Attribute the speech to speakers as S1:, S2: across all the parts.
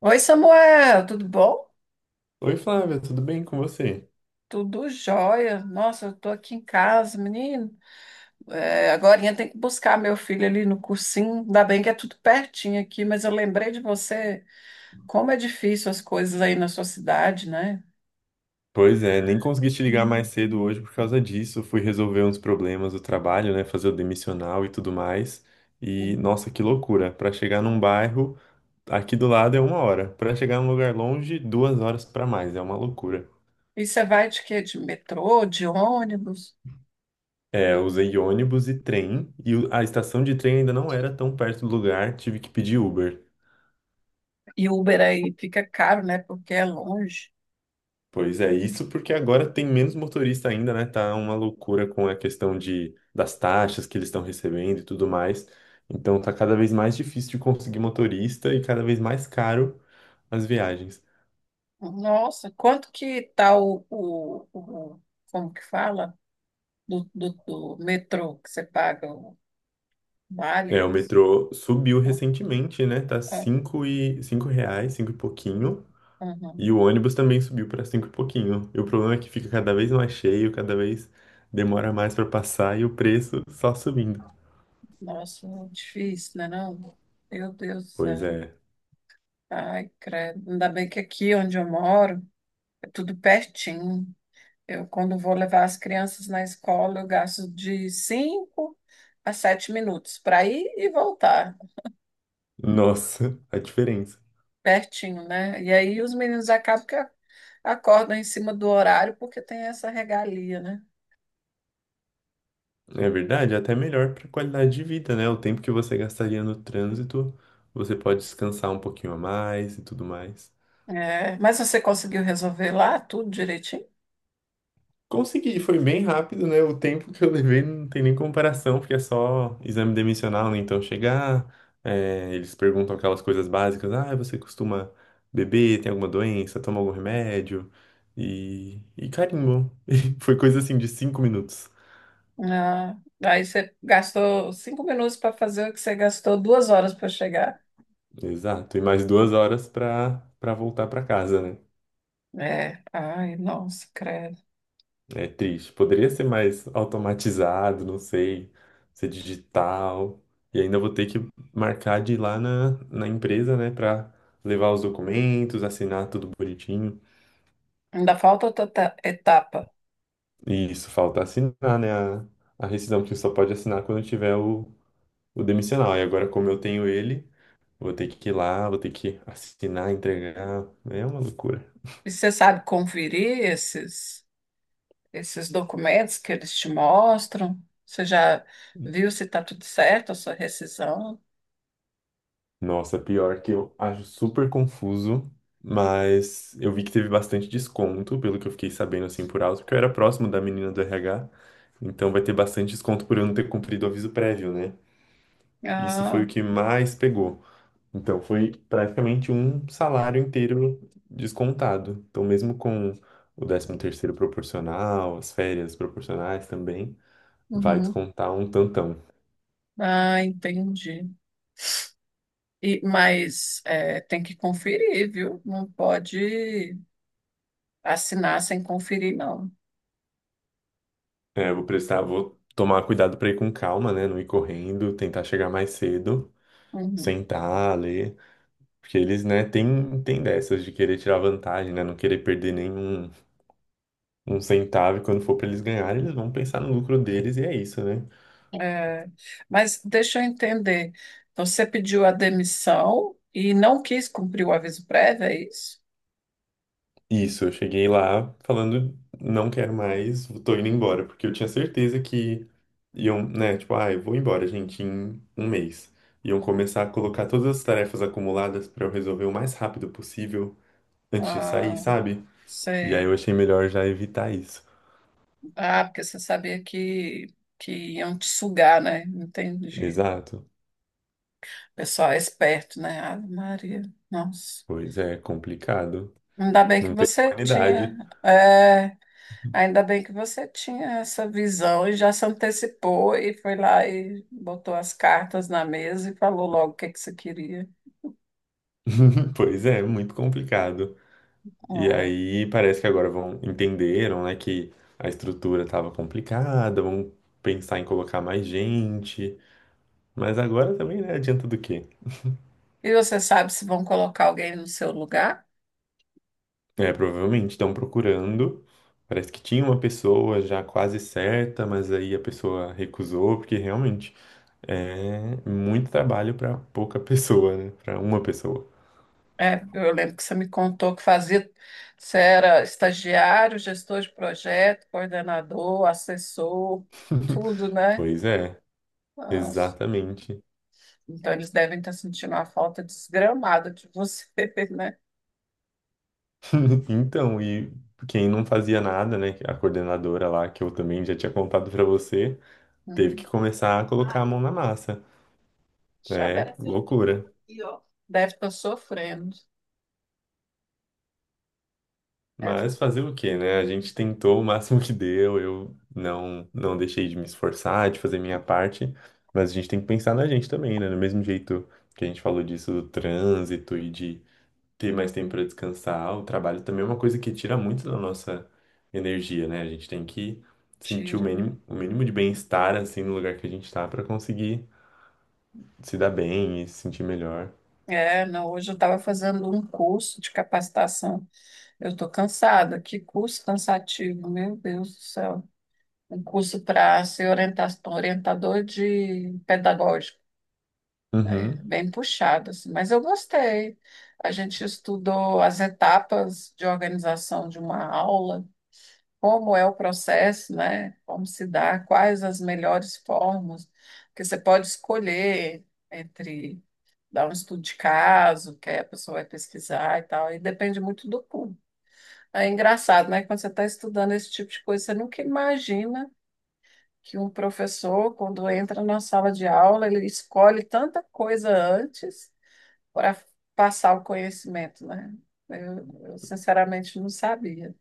S1: Oi, Samuel, tudo bom?
S2: Oi, Flávia, tudo bem com você?
S1: Tudo jóia. Nossa, eu tô aqui em casa, menino. É, agorinha tem que buscar meu filho ali no cursinho. Ainda bem que é tudo pertinho aqui, mas eu lembrei de você, como é difícil as coisas aí na sua cidade, né?
S2: Pois é, nem consegui te ligar mais cedo hoje por causa disso. Fui resolver uns problemas do trabalho, né? Fazer o demissional e tudo mais. E nossa, que loucura! Para chegar num bairro aqui do lado é 1 hora, para chegar num lugar longe, 2 horas para mais. É uma loucura.
S1: E você vai de quê? De metrô, de ônibus?
S2: É, eu usei ônibus e trem e a estação de trem ainda não era tão perto do lugar. Tive que pedir Uber.
S1: E Uber aí fica caro, né? Porque é longe.
S2: Pois é, isso porque agora tem menos motorista ainda, né? Tá uma loucura com a questão das taxas que eles estão recebendo e tudo mais. Então tá cada vez mais difícil de conseguir motorista e cada vez mais caro as viagens.
S1: Nossa, quanto que tá como que fala? Do metrô que você paga o vale,
S2: É,
S1: eu
S2: o
S1: não sei.
S2: metrô subiu
S1: Ah.
S2: recentemente, né? Tá
S1: É,
S2: cinco e cinco reais, cinco e pouquinho. E
S1: uhum.
S2: o ônibus também subiu para cinco e pouquinho. E o problema é que fica cada vez mais cheio, cada vez demora mais para passar e o preço só subindo.
S1: Nossa, difícil, né, não? Meu Deus do
S2: Pois
S1: céu.
S2: é.
S1: Ai, credo. Ainda bem que aqui onde eu moro é tudo pertinho. Eu, quando vou levar as crianças na escola, eu gasto de cinco a sete minutos para ir e voltar,
S2: Nossa, a diferença.
S1: pertinho, né? E aí os meninos acabam que acordam em cima do horário porque tem essa regalia, né?
S2: É verdade, é até melhor para qualidade de vida, né? O tempo que você gastaria no trânsito, você pode descansar um pouquinho a mais e tudo mais.
S1: É, mas você conseguiu resolver lá tudo direitinho?
S2: Consegui, foi bem rápido, né? O tempo que eu levei não tem nem comparação, porque é só exame demissional, né? Então chegar, é, eles perguntam aquelas coisas básicas, ah, você costuma beber, tem alguma doença, toma algum remédio? E carimbo. E foi coisa assim de 5 minutos.
S1: Ah, aí você gastou cinco minutos para fazer o que você gastou duas horas para chegar.
S2: Exato, e mais 2 horas para voltar para casa, né?
S1: É, ai, nossa, credo.
S2: É triste. Poderia ser mais automatizado, não sei, ser digital. E ainda vou ter que marcar de ir lá na empresa, né, pra levar os documentos, assinar tudo bonitinho.
S1: Ainda falta outra etapa.
S2: E isso falta assinar, né, a rescisão, que só pode assinar quando tiver o demissional. E agora, como eu tenho ele, vou ter que ir lá, vou ter que assinar, entregar. É uma loucura.
S1: E você sabe conferir esses, esses documentos que eles te mostram? Você já viu se está tudo certo a sua rescisão?
S2: Nossa, pior que eu acho super confuso, mas eu vi que teve bastante desconto, pelo que eu fiquei sabendo assim por alto, porque eu era próximo da menina do RH, então vai ter bastante desconto por eu não ter cumprido o aviso prévio, né? Isso foi
S1: Ah,
S2: o que mais pegou. Então foi praticamente um salário inteiro descontado. Então mesmo com o 13º proporcional, as férias proporcionais também, vai
S1: uhum.
S2: descontar um tantão.
S1: Ah, entendi. E, mas é, tem que conferir, viu? Não pode assinar sem conferir, não.
S2: É, eu vou prestar, vou tomar cuidado pra ir com calma, né? Não ir correndo, tentar chegar mais cedo,
S1: Uhum.
S2: sentar, ler. Porque eles, né, tem dessas de querer tirar vantagem, né? Não querer perder nenhum centavo. E quando for pra eles ganharem, eles vão pensar no lucro deles e é isso, né?
S1: É, mas deixa eu entender. Você pediu a demissão e não quis cumprir o aviso prévio, é isso?
S2: Isso, eu cheguei lá falando, não quero mais, tô indo embora. Porque eu tinha certeza que iam, né? Tipo, ah, eu vou embora, gente, em 1 mês. Iam começar a colocar todas as tarefas acumuladas pra eu resolver o mais rápido possível antes de sair,
S1: Ah,
S2: sabe? E aí
S1: sei.
S2: eu achei melhor já evitar isso.
S1: Ah, porque você sabia que iam te sugar, né? Entendi.
S2: Exato.
S1: Pessoal é esperto, né? Ave Maria. Nossa.
S2: Pois é, complicado.
S1: Ainda bem que
S2: Não tem
S1: você tinha,
S2: humanidade.
S1: é, ainda bem que você tinha essa visão e já se antecipou e foi lá e botou as cartas na mesa e falou logo o que que você queria.
S2: Pois é, muito complicado. E
S1: É.
S2: aí parece que agora vão entenderam, né, que a estrutura estava complicada, vão pensar em colocar mais gente. Mas agora também, né, adianta do quê?
S1: E você sabe se vão colocar alguém no seu lugar?
S2: É, provavelmente estão procurando. Parece que tinha uma pessoa já quase certa, mas aí a pessoa recusou, porque realmente é muito trabalho para pouca pessoa, né? Para uma pessoa.
S1: É, eu lembro que você me contou que fazia, você era estagiário, gestor de projeto, coordenador, assessor, tudo, né?
S2: Pois é,
S1: Nossa,
S2: exatamente.
S1: então eles devem estar sentindo uma falta desgramada de você, né?
S2: Então, e quem não fazia nada, né? A coordenadora lá, que eu também já tinha contado para você, teve
S1: Uhum.
S2: que começar a colocar a mão na massa.
S1: Já
S2: É
S1: deve,
S2: loucura.
S1: deve estar sofrendo. É,
S2: Mas fazer o quê, né? A gente tentou o máximo que deu, eu não, não deixei de me esforçar, de fazer minha parte, mas a gente tem que pensar na gente também, né? Do mesmo jeito que a gente falou disso do trânsito e de ter mais tempo para descansar. O trabalho também é uma coisa que tira muito da nossa energia, né? A gente tem que sentir
S1: tira.
S2: o mínimo de bem-estar assim no lugar que a gente tá para conseguir se dar bem e se sentir melhor.
S1: É, não, hoje eu estava fazendo um curso de capacitação. Eu estou cansada. Que curso cansativo, meu Deus do céu. Um curso para ser orientador de pedagógico. É
S2: Uhum,
S1: bem puxado, assim, mas eu gostei. A gente estudou as etapas de organização de uma aula, como é o processo, né? Como se dá, quais as melhores formas, que você pode escolher entre dar um estudo de caso, que aí a pessoa vai pesquisar e tal, e depende muito do público. É engraçado, né? Quando você está estudando esse tipo de coisa, você nunca imagina que um professor, quando entra na sala de aula, ele escolhe tanta coisa antes para passar o conhecimento, né? Sinceramente não sabia.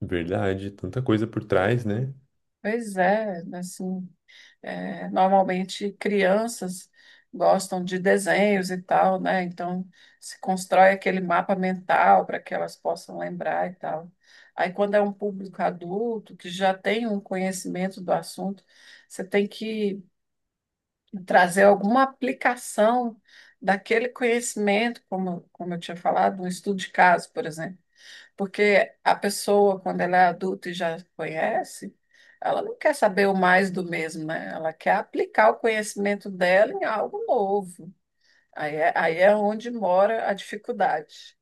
S2: verdade, tanta coisa por trás, né?
S1: Pois é, assim, é, normalmente crianças gostam de desenhos e tal, né? Então se constrói aquele mapa mental para que elas possam lembrar e tal. Aí quando é um público adulto que já tem um conhecimento do assunto, você tem que trazer alguma aplicação daquele conhecimento, como eu tinha falado, um estudo de caso, por exemplo. Porque a pessoa, quando ela é adulta e já conhece, ela não quer saber o mais do mesmo, né? Ela quer aplicar o conhecimento dela em algo novo. Aí é onde mora a dificuldade.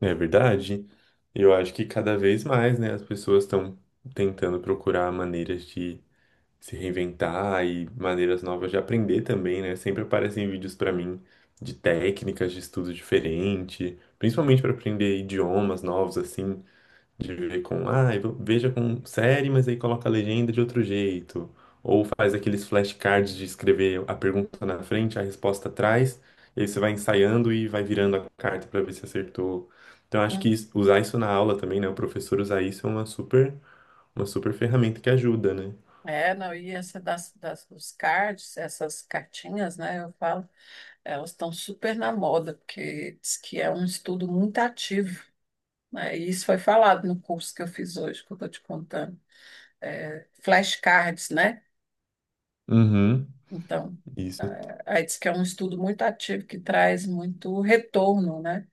S2: É verdade. Eu acho que cada vez mais, né, as pessoas estão tentando procurar maneiras de se reinventar e maneiras novas de aprender também, né? Sempre aparecem vídeos para mim de técnicas de estudo diferente, principalmente para aprender idiomas novos assim, de ver com, ah, veja com série, mas aí coloca a legenda de outro jeito, ou faz aqueles flashcards de escrever a pergunta na frente, a resposta atrás, e aí você vai ensaiando e vai virando a carta para ver se acertou. Então acho que
S1: Hum.
S2: usar isso na aula também, né? O professor usar isso é uma super ferramenta que ajuda, né?
S1: É, não, e essa dos cards, essas cartinhas, né, eu falo, elas estão super na moda, porque diz que é um estudo muito ativo. Né? E isso foi falado no curso que eu fiz hoje, que eu estou te contando. É, flashcards, né?
S2: Uhum.
S1: Então, é,
S2: Isso
S1: aí diz que é um estudo muito ativo que traz muito retorno, né?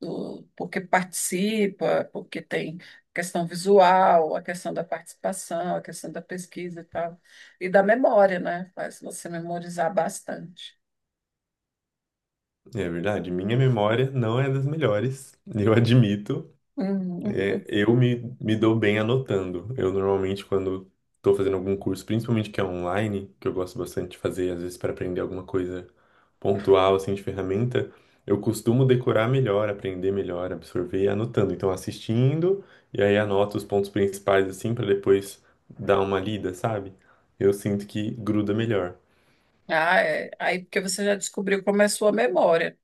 S1: Do, porque participa, porque tem questão visual, a questão da participação, a questão da pesquisa e tal. E da memória, né? Faz você memorizar bastante.
S2: é verdade. Minha memória não é das melhores, eu admito.
S1: Uhum.
S2: É, eu me dou bem anotando. Eu normalmente, quando estou fazendo algum curso, principalmente que é online, que eu gosto bastante de fazer, às vezes para aprender alguma coisa pontual, assim, de ferramenta, eu costumo decorar melhor, aprender melhor, absorver anotando. Então, assistindo, e aí anoto os pontos principais, assim, para depois dar uma lida, sabe? Eu sinto que gruda melhor.
S1: Ah, é. Aí porque você já descobriu como é a sua memória.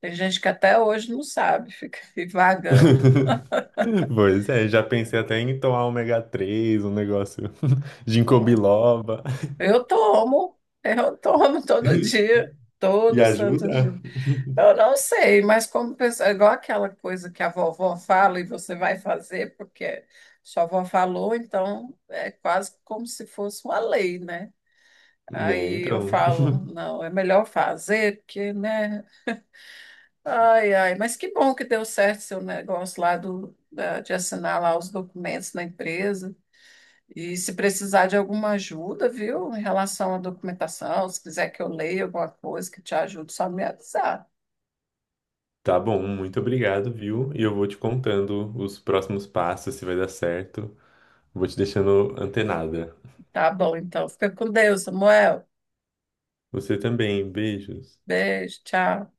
S1: Tem gente que até hoje não sabe, fica aí vagando.
S2: Pois é, já pensei até em tomar ômega 3 um negócio ginkgo biloba.
S1: Eu tomo todo dia,
S2: E
S1: todo santo dia.
S2: ajuda?
S1: Eu não sei, mas como pessoa, é igual aquela coisa que a vovó fala e você vai fazer porque sua avó falou, então é quase como se fosse uma lei, né?
S2: É,
S1: Aí eu
S2: então.
S1: falo, não, é melhor fazer, porque, né? Ai, ai, mas que bom que deu certo seu negócio lá do, da- de assinar lá os documentos na empresa. E se precisar de alguma ajuda, viu, em relação à documentação, se quiser que eu leia alguma coisa que te ajude, só me avisar.
S2: Tá bom, muito obrigado, viu? E eu vou te contando os próximos passos, se vai dar certo. Vou te deixando antenada.
S1: Tá bom, então. Fica com Deus, Samuel.
S2: Você também, beijos.
S1: Beijo, tchau.